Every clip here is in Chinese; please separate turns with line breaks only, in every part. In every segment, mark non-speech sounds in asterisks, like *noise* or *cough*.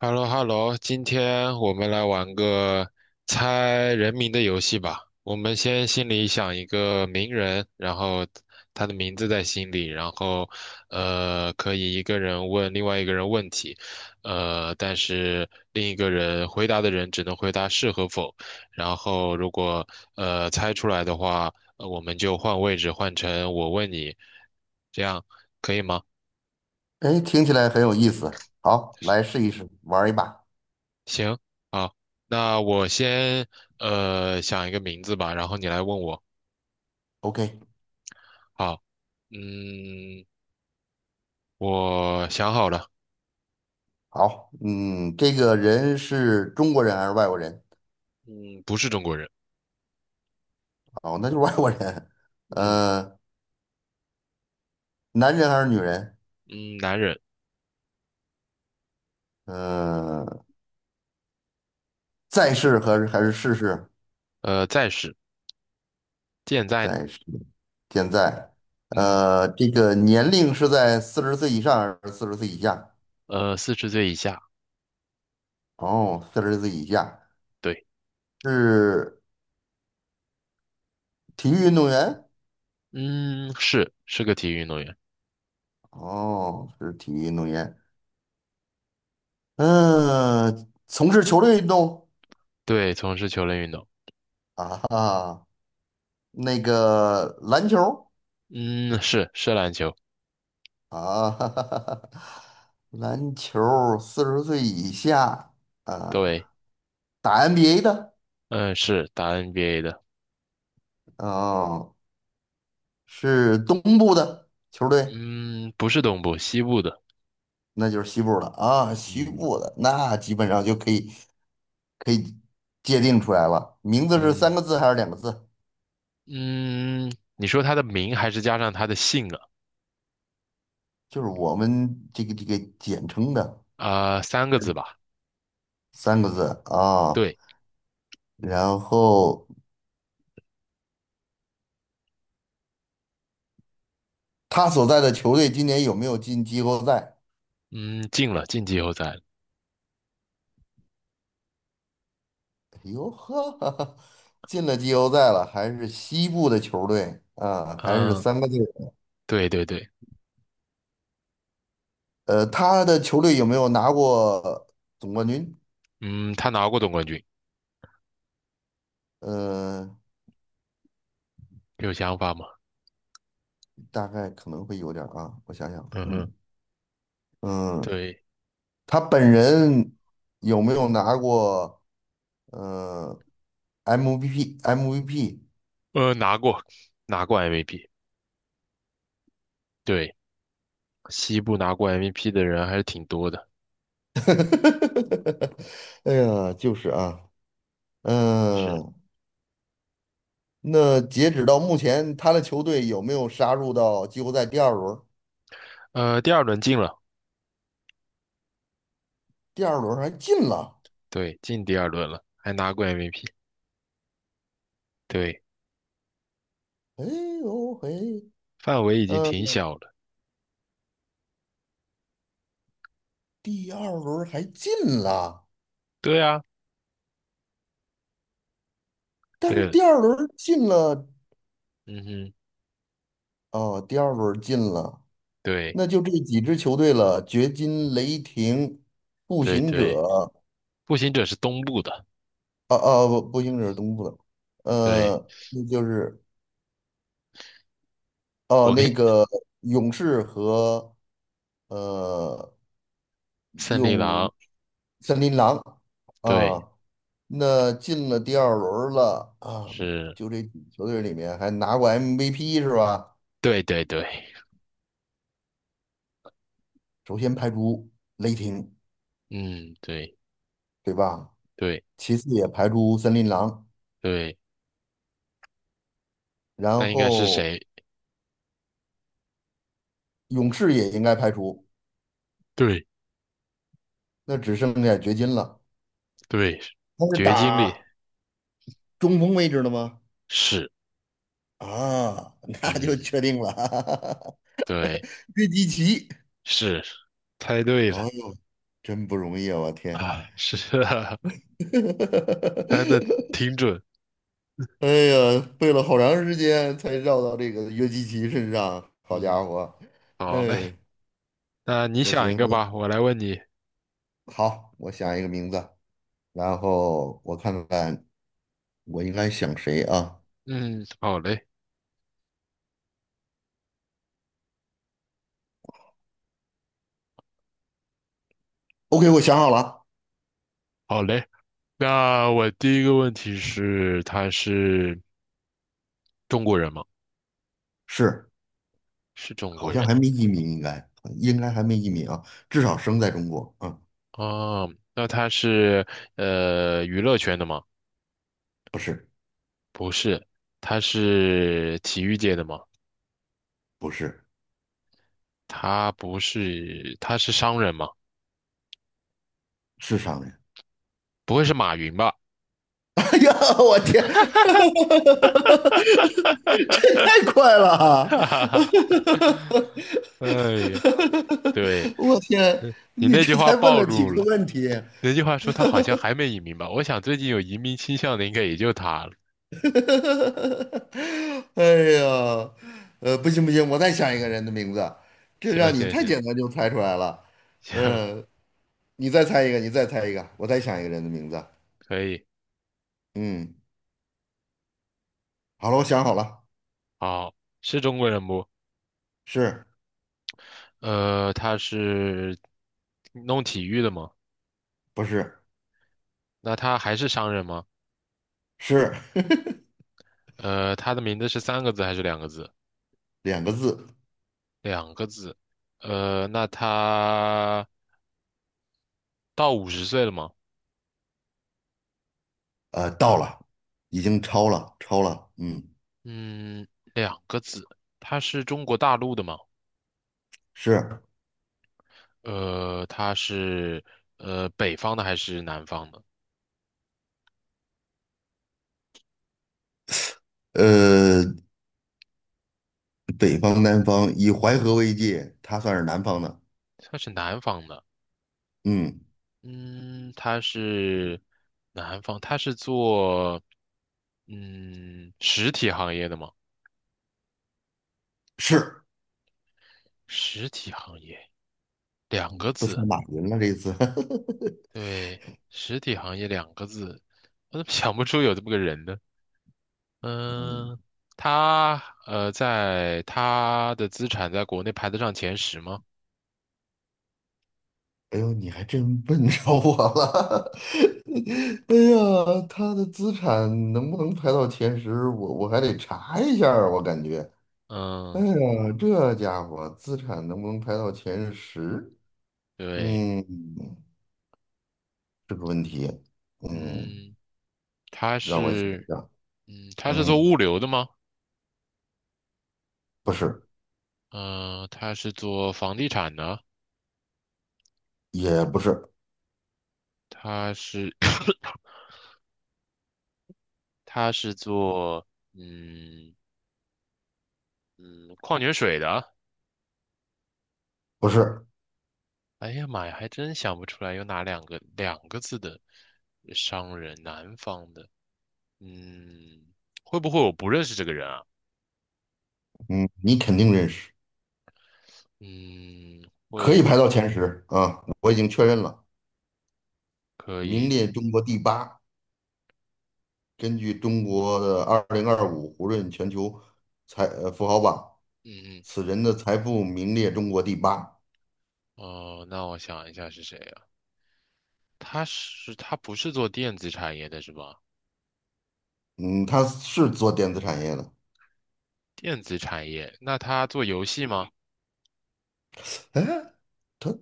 h e l l o h e l l o 今天我们来玩个猜人名的游戏吧。我们先心里想一个名人，然后他的名字在心里，然后可以一个人问另外一个人问题，但是另一个人回答的人只能回答是和否。然后如果猜出来的话，我们就换位置，换成我问你，这样可以吗？
哎，听起来很有意思。好，来试一试，玩儿一把。
行，好，那我先想一个名字吧，然后你来问我。
OK，
好，嗯，我想好了，
好，嗯，这个人是中国人还是外国人？
嗯，不是中国人，
哦，那就是外国人。
嗯
呃，男人还是女人？
嗯，男人，
呃，在世还是逝世？
呃，在世，健在呢，
在世，现在。
嗯，
这个年龄是在40岁以上还是四十岁以下？
呃，四十岁以下，
哦，四十岁以下。
对，
是体育运动员？
嗯，是个体育运动员，
哦，是体育运动员。嗯，从事球类运动。
对，从事球类运动，
啊哈，那个篮球儿
嗯，是篮球，
啊，*laughs* 哈哈哈哈，篮球40岁以下
对，
啊，打 NBA 的
嗯，是打 NBA 的，
啊，是东部的球队，
嗯，不是东部，西部的，
那就是西部的啊，西
嗯
部的那基本上就可以界定出来了，名字是三
嗯。
个字还是两个字？
嗯，你说他的名还是加上他的姓啊？
就是我们这个简称的
啊、三个字吧。
三个字啊，
对，
然后他所在的球队今年有没有进季后赛？
嗯，进了，进季后赛了。
哟呵，*laughs* 进了季后赛了，还是西部的球队啊，还是
嗯，
三个字。
对对对，
他的球队有没有拿过总冠军？
嗯，他拿过总冠军，
呃，
有想法吗？
大概可能会有点儿啊，我想想，
嗯哼，
嗯嗯，
对，
他本人有没有拿过呃 MVP？MVP？
呃，拿过，拿过 MVP。对，西部拿过 MVP 的人还是挺多的。
*laughs* 哎呀，就是啊，
是，
嗯，那截止到目前，他的球队有没有杀入到季后赛第二轮？
呃，第二轮进了，
第二轮还进了，
对，进第二轮了，还拿过 MVP。对，
哎呦嘿，
范围已经
呃，
挺小了。
第二轮还进了，
对啊，
但是
对，
第二轮进了，
嗯哼，
哦，第二轮进了，
对
那就这几支球队了：掘金、雷霆、步
对
行
对，
者，
步行者是东部的。
啊啊，不，步行者是东部的，
对，
那就是哦，
我
那
跟
个勇士和呃
森利
勇
狼，
森林狼
对，
啊。那进了第二轮了啊，
是，
就这几球队里面还拿过 MVP 是吧？
对对对，
首先排除雷霆，
嗯，对
对吧？
对
其次也排除森林狼，
对，
然
那应该是
后
谁？
勇士也应该排除，
对
那只剩下掘金了。
对，
他是
绝经里
打中锋位置的吗？
是，
啊，*laughs* 那就
嗯，
确定了，
对，
*laughs* 约基奇。
是，猜对了
哦，真不容易啊！我天，
啊，是啊，*laughs* 猜的
*laughs*
挺准，
哎呀，背了好长时间才绕到这个约基奇身上，好家
嗯，
伙！
好
哎，
嘞，那你
那行，
想一个
那
吧，我来问你，
好，我想一个名字，然后我看看我应该想谁啊
嗯，好嘞，
？OK，我想好了，
好嘞，那我第一个问题是，他是中国人吗？
是，
是中国
好像
人。
还没移民，应该还没移民啊，至少生在中国啊，
哦，那他是娱乐圈的吗？
不是
不是，他是体育界的吗？
不是，
他不是，他是商人吗？
是商人。
不会是马云吧？
哎呀，我天，*laughs* 这太快了
*laughs*
啊！
哈哈哈，
*laughs*
哎呀，对，
我天，
嗯你
你
那句
这
话
才问
暴
了几
露了，
个问题？*laughs*
那句话说他好像还没移民吧？我想最近有移民倾向的应该也就他了。
哎呀，不行不行，我再想一个人的名字，这
行
让你
行
太
行
简单就猜出来了。
行，
嗯，你再猜一个，你再猜一个，我再想一个人的名字。
可以，
嗯，好了，我想好了，
好，是中国人不？
是
呃，他是弄体育的吗？
不是？
那他还是商人吗？
是 *laughs*
呃，他的名字是三个字还是两个字？
两个字。
两个字。呃，那他到五十岁了吗？
到了，已经超了，超了，嗯，
嗯，两个字。他是中国大陆的吗？
是，
呃，他是北方的还是南方的？
呃，北方南方以淮河为界，它算是南方的，
他是南方的。
嗯，
嗯，他是南方，他是做实体行业的吗？
是，
实体行业两个
都算
字，
马云了这一次，*laughs*
对，实体行业两个字，我怎么 *laughs* 想不出有这么个人呢？
嗯，
嗯，他在他的资产在国内排得上前十吗？
哎呦，你还真问着我了，*laughs* 哎呀，他的资产能不能排到前十，我还得查一下儿我感觉，哎
嗯，
呀，这家伙资产能不能排到前十，
对，
嗯，这个问题，嗯。
嗯，他
让我想一
是，
下，
嗯，他是做
嗯，
物流的吗？
不是，
嗯，他是做房地产的，
也不是，
他是，*coughs* 他是做，嗯嗯，矿泉水的。
不是，
哎呀妈呀，还真想不出来有哪两个字的商人，南方的。嗯，会不会我不认识这个人啊？
嗯，你肯定认识，
嗯。
可以
会。
排到前十啊，我已经确认了，
可
名
以，
列中国第八。根据中国的2025胡润全球富豪榜，
嗯嗯，
此人的财富名列中国第八。
哦，那我想一下是谁啊？他不是做电子产业的是吧？
嗯，他是做电子产业的，
电子产业，那他做游戏吗？
哎，他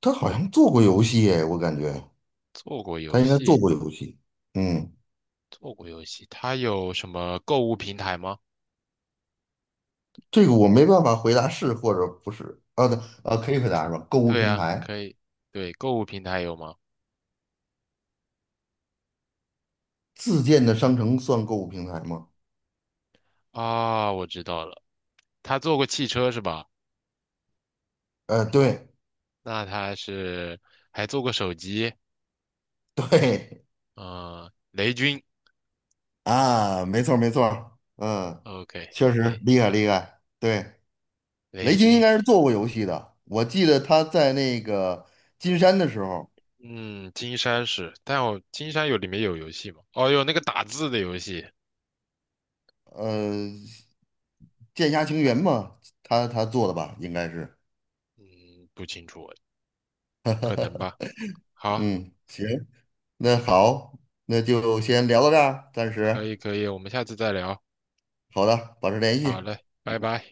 他好像做过游戏哎，我感觉
做过
他
游
应该做
戏，
过游戏。嗯，
做过游戏。他有什么购物平台吗？
这个我没办法回答是或者不是。啊，对，啊，可以回答是吧？购物
对
平
呀，
台。
可以，对，购物平台有吗？
自建的商城算购物平台吗？
啊，我知道了，他做过汽车是吧？
对
那他是还做过手机，
对
嗯、雷军
啊，没错儿没错儿嗯，
，OK，
确实
雷
厉害厉害。对，
雷
雷军应
军，
该是做过游戏的，我记得他在那个金山的时候，
嗯，金山是，但金山里面有游戏吗？哦，有那个打字的游戏。
呃，剑侠情缘嘛，他做的吧，应该是。
嗯，不清楚，可能吧。好，
嗯，行，那好，那就先聊到这儿，暂
可
时。
以可以，我们下次再聊。
好的，保持联
好
系。
嘞，拜拜。